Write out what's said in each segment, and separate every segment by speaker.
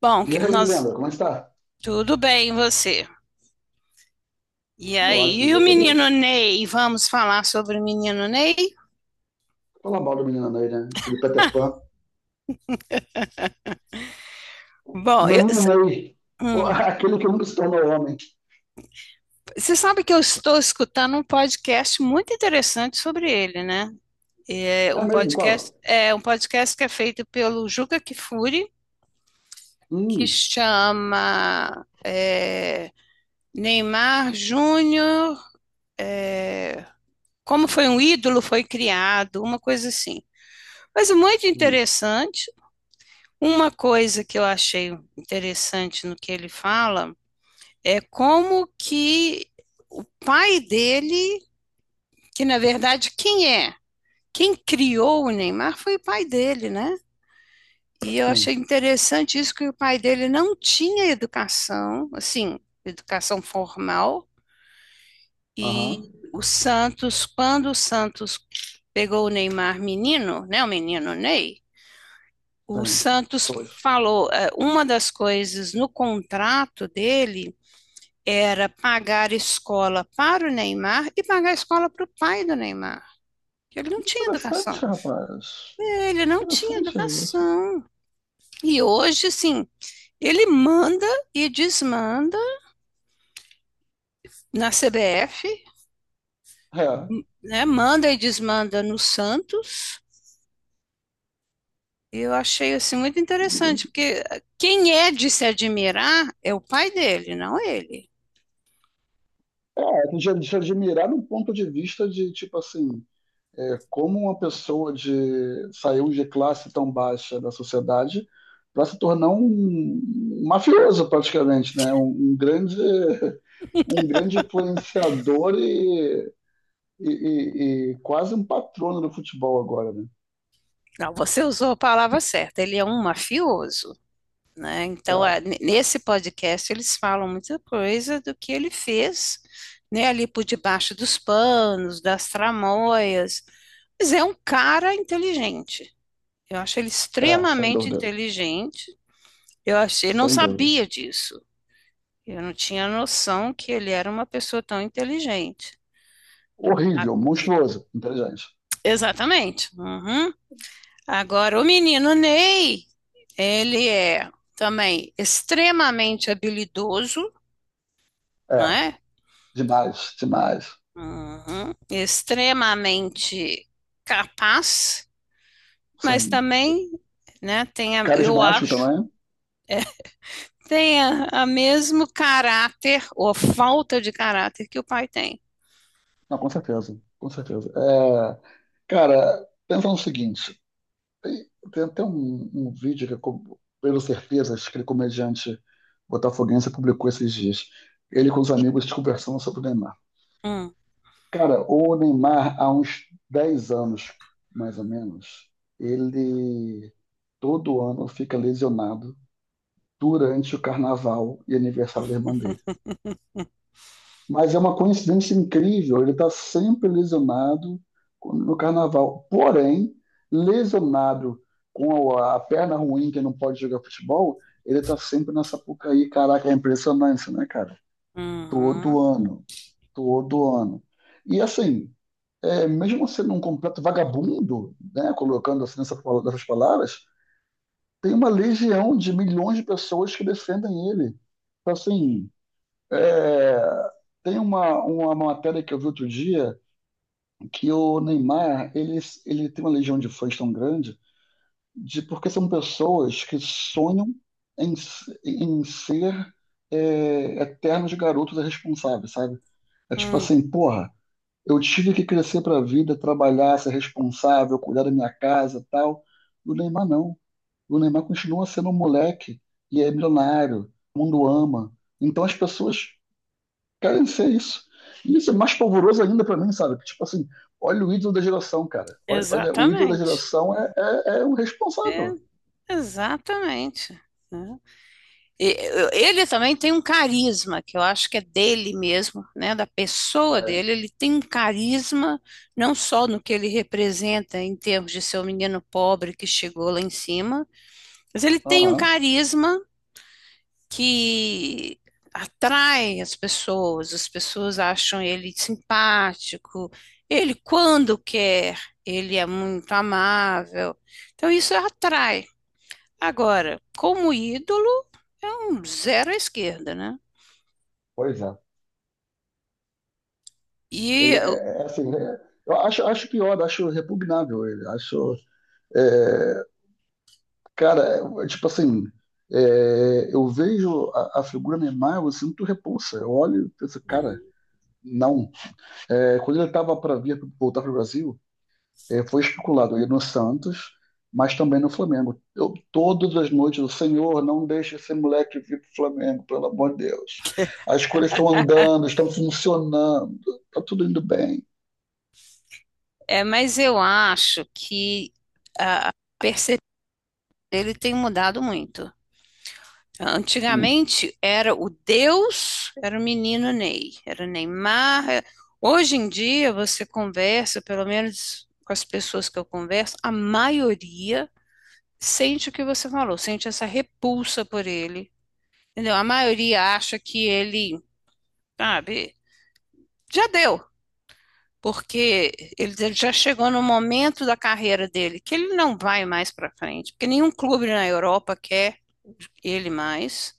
Speaker 1: Bom,
Speaker 2: E
Speaker 1: que-
Speaker 2: aí, Leandro,
Speaker 1: nós
Speaker 2: como é que está?
Speaker 1: tudo bem, e você? E
Speaker 2: Tudo
Speaker 1: aí,
Speaker 2: ótimo,
Speaker 1: e o
Speaker 2: graças a
Speaker 1: menino
Speaker 2: Deus.
Speaker 1: Ney? Vamos falar sobre o menino Ney?
Speaker 2: Fala mal do menino Ney, né? Aquele Peter Pan.
Speaker 1: Bom,
Speaker 2: Menino Ney.
Speaker 1: hum,
Speaker 2: Aquele que nunca se tornou homem.
Speaker 1: você sabe que eu estou escutando um podcast muito interessante sobre ele, né? É
Speaker 2: É
Speaker 1: um
Speaker 2: mesmo,
Speaker 1: podcast,
Speaker 2: qual?
Speaker 1: é um podcast que é feito pelo Juca Kfouri, que
Speaker 2: Hum,
Speaker 1: chama Neymar Júnior, como foi um ídolo, foi criado, uma coisa assim. Mas é muito
Speaker 2: hum,
Speaker 1: interessante. Uma coisa que eu achei interessante no que ele fala é como que o pai dele, que na verdade quem é? Quem criou o Neymar foi o pai dele, né? E eu achei
Speaker 2: sim.
Speaker 1: interessante isso que o pai dele não tinha educação, assim, educação formal.
Speaker 2: Aham,
Speaker 1: Quando o Santos pegou o Neymar menino, né, o menino Ney, o
Speaker 2: sim.
Speaker 1: Santos
Speaker 2: Pois.
Speaker 1: falou, uma das coisas no contrato dele era pagar escola para o Neymar e pagar a escola para o pai do Neymar. Ele não tinha educação.
Speaker 2: Interessante, rapaz.
Speaker 1: Ele não tinha
Speaker 2: Interessante isso.
Speaker 1: educação. E hoje, sim, ele manda e desmanda na CBF,
Speaker 2: É.
Speaker 1: né? Manda e desmanda no Santos. Eu achei assim muito
Speaker 2: Eu digo,
Speaker 1: interessante, porque quem é de se admirar é o pai dele, não ele.
Speaker 2: é, é de, admirar do ponto de vista de, tipo assim, é, como uma pessoa de saiu de classe tão baixa da sociedade para se tornar um mafioso praticamente, né? Um grande um grande influenciador e quase um patrono do futebol agora, né?
Speaker 1: Não, você usou a palavra certa. Ele é um mafioso, né? Então, nesse podcast, eles falam muita coisa do que ele fez, né, ali por debaixo dos panos, das tramóias. Mas é um cara inteligente. Eu acho ele
Speaker 2: Sem
Speaker 1: extremamente
Speaker 2: dúvida,
Speaker 1: inteligente. Eu achei, não
Speaker 2: sem dúvida.
Speaker 1: sabia disso. Eu não tinha noção que ele era uma pessoa tão inteligente. Ah,
Speaker 2: Horrível, monstruoso, inteligente.
Speaker 1: exatamente. Uhum. Agora, o menino Ney, ele é também extremamente habilidoso,
Speaker 2: É,
Speaker 1: né?
Speaker 2: demais, demais.
Speaker 1: Uhum. Extremamente capaz, mas
Speaker 2: Sim.
Speaker 1: também, né, eu
Speaker 2: Carismático
Speaker 1: acho,
Speaker 2: também?
Speaker 1: tem a mesmo caráter ou falta de caráter que o pai tem.
Speaker 2: Não, com certeza, com certeza. É, cara, pensa no seguinte. Tem até um vídeo que, eu pelo certeza, acho que aquele comediante botafoguense publicou esses dias. Ele com os amigos conversando sobre o Neymar.
Speaker 1: Hum.
Speaker 2: Cara, o Neymar, há uns 10 anos, mais ou menos, ele todo ano fica lesionado durante o carnaval e aniversário da irmã dele. Mas é uma coincidência incrível, ele está sempre lesionado no carnaval. Porém, lesionado com a perna ruim, que não pode jogar futebol, ele está sempre na Sapucaí. Caraca, é impressionante, né, cara?
Speaker 1: Uhum.
Speaker 2: Todo ano, todo ano. E assim, é, mesmo sendo um completo vagabundo, né, colocando assim nessas palavras, tem uma legião de milhões de pessoas que defendem ele. Então, assim, é, tem uma matéria que eu vi outro dia que o Neymar ele tem uma legião de fãs tão grande de porque são pessoas que sonham em, em ser é, eternos garotos irresponsáveis, sabe? É tipo
Speaker 1: Hum.
Speaker 2: assim, porra, eu tive que crescer pra vida, trabalhar, ser responsável, cuidar da minha casa, tal. E o Neymar não. O Neymar continua sendo um moleque e é milionário, o mundo ama. Então as pessoas, cara, isso é isso. E isso é mais pavoroso ainda pra mim, sabe? Tipo assim, olha o ídolo da geração, cara. Olha, olha o ídolo da
Speaker 1: Exatamente.
Speaker 2: geração é, é o
Speaker 1: É,
Speaker 2: responsável.
Speaker 1: exatamente, né? E- Ele também tem um carisma, que eu acho que é dele mesmo, né? Da pessoa
Speaker 2: É.
Speaker 1: dele. Ele tem um carisma, não só no que ele representa em termos de ser o menino pobre que chegou lá em cima, mas ele tem um
Speaker 2: Aham,
Speaker 1: carisma que atrai as pessoas acham ele simpático. Ele, quando quer, ele é muito amável. Então, isso atrai. Agora, como ídolo, é um zero à esquerda, né?
Speaker 2: pois é.
Speaker 1: E
Speaker 2: Ele
Speaker 1: eu-
Speaker 2: é, é assim, é- eu acho, acho pior, acho repugnável ele. Acho, é, cara, é, tipo assim, é, eu vejo a figura Neymar, eu sinto repulsa. Eu olho e penso, cara, não. É, quando ele tava para vir voltar pro Brasil, é, foi especulado ele no Santos, mas também no Flamengo. Eu, todas as noites, o Senhor, não deixe esse moleque vir para o Flamengo, pelo amor de Deus. As coisas estão andando, estão funcionando, está tudo indo bem.
Speaker 1: É, mas eu acho que perceber ele tem mudado muito.
Speaker 2: Hum,
Speaker 1: Antigamente era o Deus, era o menino Ney, era o Neymar. Hoje em dia você conversa, pelo menos com as pessoas que eu converso, a maioria sente o que você falou, sente essa repulsa por ele, entendeu? A maioria acha que ele, sabe, já deu. Porque ele já chegou no momento da carreira dele que ele não vai mais para frente, porque nenhum clube na Europa quer ele mais.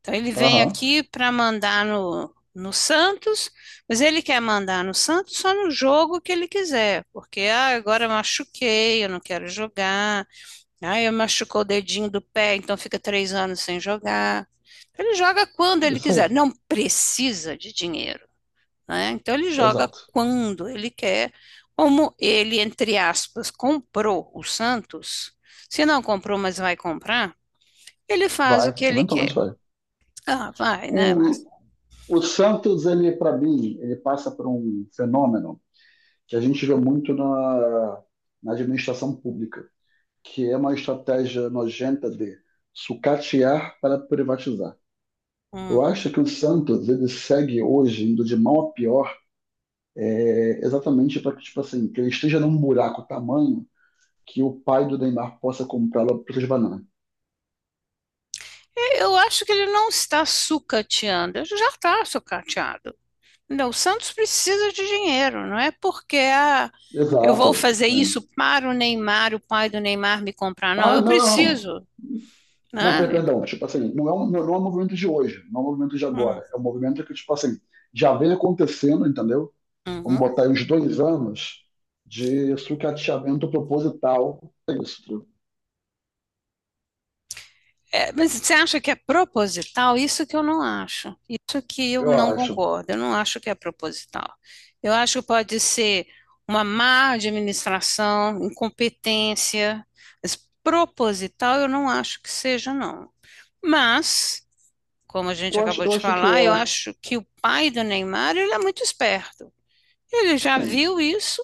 Speaker 1: Então ele vem
Speaker 2: Aham,
Speaker 1: aqui para mandar no Santos, mas ele quer mandar no Santos só no jogo que ele quiser, porque ah, agora eu machuquei, eu não quero jogar, ah, eu machucou o dedinho do pé, então fica 3 anos sem jogar. Ele joga quando ele
Speaker 2: isso
Speaker 1: quiser,
Speaker 2: aí,
Speaker 1: não precisa de dinheiro, né? Então ele joga
Speaker 2: exato.
Speaker 1: quando ele quer, como ele, entre aspas, comprou o Santos, se não comprou, mas vai comprar, ele faz
Speaker 2: Vai,
Speaker 1: o que ele
Speaker 2: eventualmente
Speaker 1: quer.
Speaker 2: vai.
Speaker 1: Ah, vai, né,
Speaker 2: O,
Speaker 1: Marcelo?
Speaker 2: o Santos, ele, para mim, ele passa por um fenômeno que a gente vê muito na administração pública, que é uma estratégia nojenta de sucatear para privatizar. Eu
Speaker 1: Hum.
Speaker 2: acho que o Santos ele segue hoje indo de mal a pior, é, exatamente para que tipo assim que ele esteja num buraco tamanho que o pai do Neymar possa comprá-lo por preço de banana.
Speaker 1: Eu acho que ele não está sucateando, ele já está sucateado. Não, o Santos precisa de dinheiro, não é porque ah, eu vou
Speaker 2: Exato,
Speaker 1: fazer isso
Speaker 2: sim.
Speaker 1: para o Neymar, o pai do Neymar me comprar, não,
Speaker 2: Ah,
Speaker 1: eu
Speaker 2: não, não,
Speaker 1: preciso,
Speaker 2: não, per-
Speaker 1: né?
Speaker 2: perdão, tipo assim, não é, um, não é um movimento de hoje, não é um movimento de
Speaker 1: Hum,
Speaker 2: agora, é um movimento que, tipo assim, já vem acontecendo, entendeu? Vamos
Speaker 1: uhum.
Speaker 2: botar aí uns 2 anos de sucateamento proposital, é isso,
Speaker 1: É, mas você acha que é proposital? Isso que eu não acho. Isso que eu
Speaker 2: eu
Speaker 1: não
Speaker 2: acho.
Speaker 1: concordo. Eu não acho que é proposital. Eu acho que pode ser uma má administração, incompetência, mas proposital eu não acho que seja, não. Mas, como a gente
Speaker 2: Eu acho,
Speaker 1: acabou
Speaker 2: eu
Speaker 1: de
Speaker 2: acho que
Speaker 1: falar, eu
Speaker 2: é,
Speaker 1: acho que o pai do Neymar, ele é muito esperto. Ele já
Speaker 2: sim,
Speaker 1: viu isso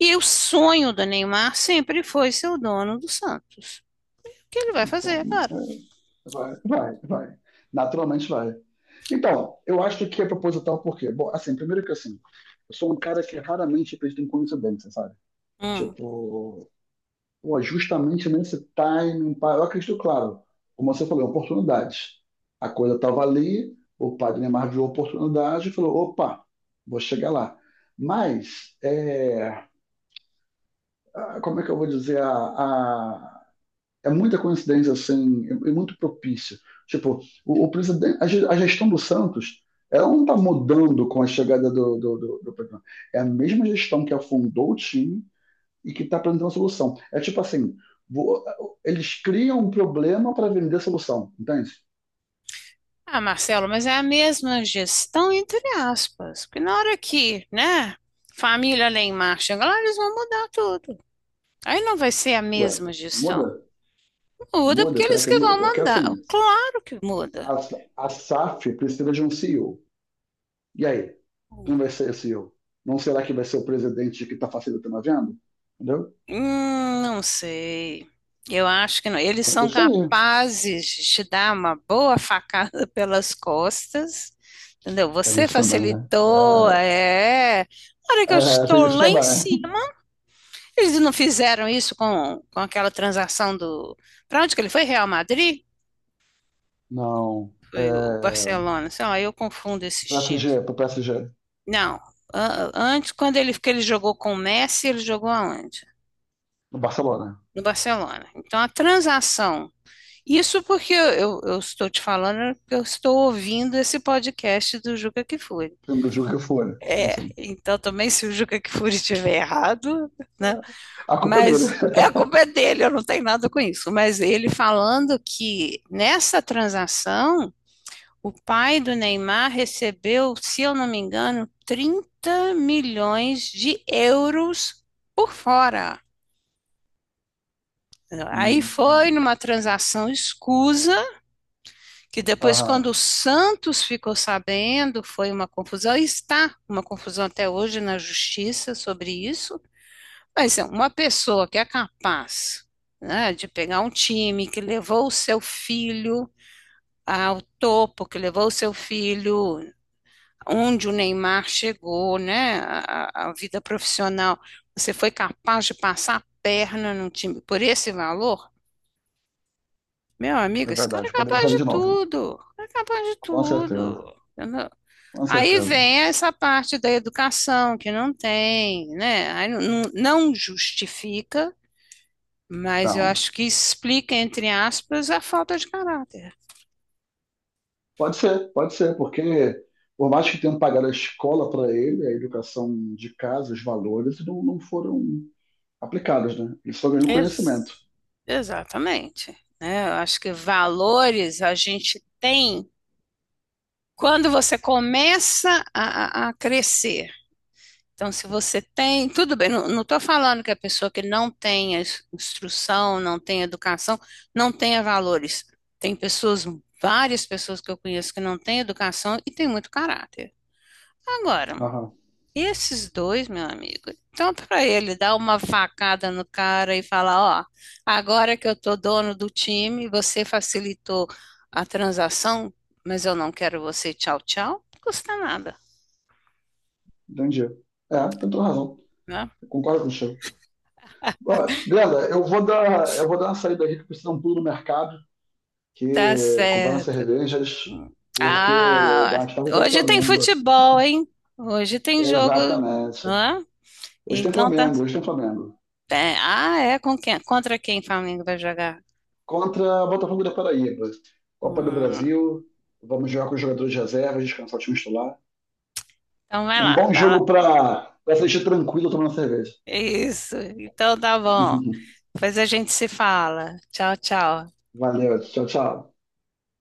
Speaker 1: e o sonho do Neymar sempre foi ser o dono do Santos. O que ele vai fazer,
Speaker 2: então,
Speaker 1: é claro?
Speaker 2: é, vai, vai, vai. Naturalmente vai. Então, eu acho que é proposital por quê? Bom, assim, primeiro que assim, eu sou um cara que raramente acredita em coincidência, sabe?
Speaker 1: Hum.
Speaker 2: Tipo, pô, justamente nesse timing, pá, eu acredito, claro, como você falou, em oportunidades. A coisa estava ali, o padre Neymar viu a oportunidade e falou, opa, vou chegar lá. Mas, é, ah, como é que eu vou dizer, a- é muita coincidência assim, é muito propício. Tipo, o presidente, a ge- a gestão do Santos, ela não está mudando com a chegada do Pedro. É a mesma gestão que afundou o time e que está apresentando a solução. É tipo assim, vo- eles criam um problema para vender a solução, entende?
Speaker 1: Ah, Marcelo, mas é a mesma gestão entre aspas, porque na hora que, né, família lá em marcha, chega lá, eles vão mudar tudo. Aí não vai ser a
Speaker 2: Ué,
Speaker 1: mesma
Speaker 2: muda?
Speaker 1: gestão. Muda
Speaker 2: Muda?
Speaker 1: porque
Speaker 2: Será
Speaker 1: eles
Speaker 2: que
Speaker 1: que
Speaker 2: muda?
Speaker 1: vão
Speaker 2: Porque
Speaker 1: mandar.
Speaker 2: assim,
Speaker 1: Claro que muda.
Speaker 2: a, a SAF precisa de um CEO. E O. E aí, quem vai ser esse CEO? Não será que vai ser o presidente que está facilitando a venda? Entendeu?
Speaker 1: Não sei. Eu acho que não. Eles
Speaker 2: É
Speaker 1: são
Speaker 2: isso aí.
Speaker 1: capazes de te dar uma boa facada pelas costas, entendeu?
Speaker 2: Tem
Speaker 1: Você
Speaker 2: isso também, né?
Speaker 1: facilitou, é. Na hora que eu
Speaker 2: É, tem
Speaker 1: estou
Speaker 2: isso
Speaker 1: lá em
Speaker 2: também.
Speaker 1: cima. Eles não fizeram isso com, aquela transação do. Para onde que ele foi? Real Madrid?
Speaker 2: Não.
Speaker 1: Foi o
Speaker 2: É,
Speaker 1: Barcelona. Sei lá, eu confundo esses times.
Speaker 2: PSG, pro PSG,
Speaker 1: Não. Antes, que ele jogou com o Messi, ele jogou aonde?
Speaker 2: no Barcelona.
Speaker 1: No Barcelona. Então, a transação. Isso porque eu estou te falando, porque eu estou ouvindo esse podcast do Juca Kfouri.
Speaker 2: Sendo do jogo que for, sim, sim.
Speaker 1: Então, também, se o Juca Kfouri estiver errado, né?
Speaker 2: A culpa é dele.
Speaker 1: Mas é, a culpa é dele, eu não tenho nada com isso. Mas ele falando que nessa transação, o pai do Neymar recebeu, se eu não me engano, 30 milhões de euros por fora. Aí
Speaker 2: Hum,
Speaker 1: foi numa transação escusa, que depois, quando
Speaker 2: aham,
Speaker 1: o Santos ficou sabendo, foi uma confusão, e está uma confusão até hoje na justiça sobre isso. Mas é uma pessoa que é capaz, né, de pegar um time que levou o seu filho ao topo, que levou o seu filho onde o Neymar chegou, né, a vida profissional, você foi capaz de passar a perna num time por esse valor? Meu amigo,
Speaker 2: é
Speaker 1: esse cara é
Speaker 2: verdade. Poderia
Speaker 1: capaz
Speaker 2: fazer
Speaker 1: de
Speaker 2: de novo.
Speaker 1: tudo, é capaz de
Speaker 2: Com certeza,
Speaker 1: tudo, entendeu?
Speaker 2: com
Speaker 1: Aí
Speaker 2: certeza.
Speaker 1: vem essa parte da educação que não tem, né? Aí não justifica. Mas eu
Speaker 2: Então,
Speaker 1: acho que explica, entre aspas, a falta de caráter.
Speaker 2: pode ser, porque por mais que tenham pagado a escola para ele, a educação de casa, os valores, não foram aplicados, né? Ele só ganhou conhecimento.
Speaker 1: Ex- exatamente, né? Eu acho que valores a gente tem quando você começa a crescer. Então, se você tem, tudo bem, não estou falando que a pessoa que não tenha instrução, não tenha educação, não tenha valores. Tem pessoas, várias pessoas que eu conheço que não têm educação e têm muito caráter. Agora,
Speaker 2: Aham,
Speaker 1: esses dois, meu amigo, tanto para ele dar uma facada no cara e falar, ó, agora que eu tô dono do time, você facilitou a transação, mas eu não quero você, tchau, tchau, não custa nada,
Speaker 2: entendi. É, tem toda razão.
Speaker 1: né?
Speaker 2: Concordo com você. Ó, Glenda, eu vou dar uma saída aqui que precisa um pulo no mercado,
Speaker 1: Tá
Speaker 2: que comprar umas
Speaker 1: certo.
Speaker 2: cervejas, porque
Speaker 1: Ah,
Speaker 2: das tarde tem
Speaker 1: hoje tem
Speaker 2: Flamengo.
Speaker 1: futebol, hein? Hoje tem jogo,
Speaker 2: Exatamente.
Speaker 1: não é?
Speaker 2: Hoje tem
Speaker 1: Então tá.
Speaker 2: Flamengo, hoje tem Flamengo.
Speaker 1: É com quem? Contra quem o Flamengo vai jogar?
Speaker 2: Contra Botafogo da Paraíba. Copa do
Speaker 1: Hum,
Speaker 2: Brasil. Vamos jogar com os jogadores de reserva, descansar o time titular.
Speaker 1: então vai
Speaker 2: Um
Speaker 1: lá,
Speaker 2: bom
Speaker 1: vai lá.
Speaker 2: jogo para assistir tranquilo tomando cerveja.
Speaker 1: Isso. Então tá bom. Depois a gente se fala. Tchau, tchau.
Speaker 2: Valeu, tchau, tchau.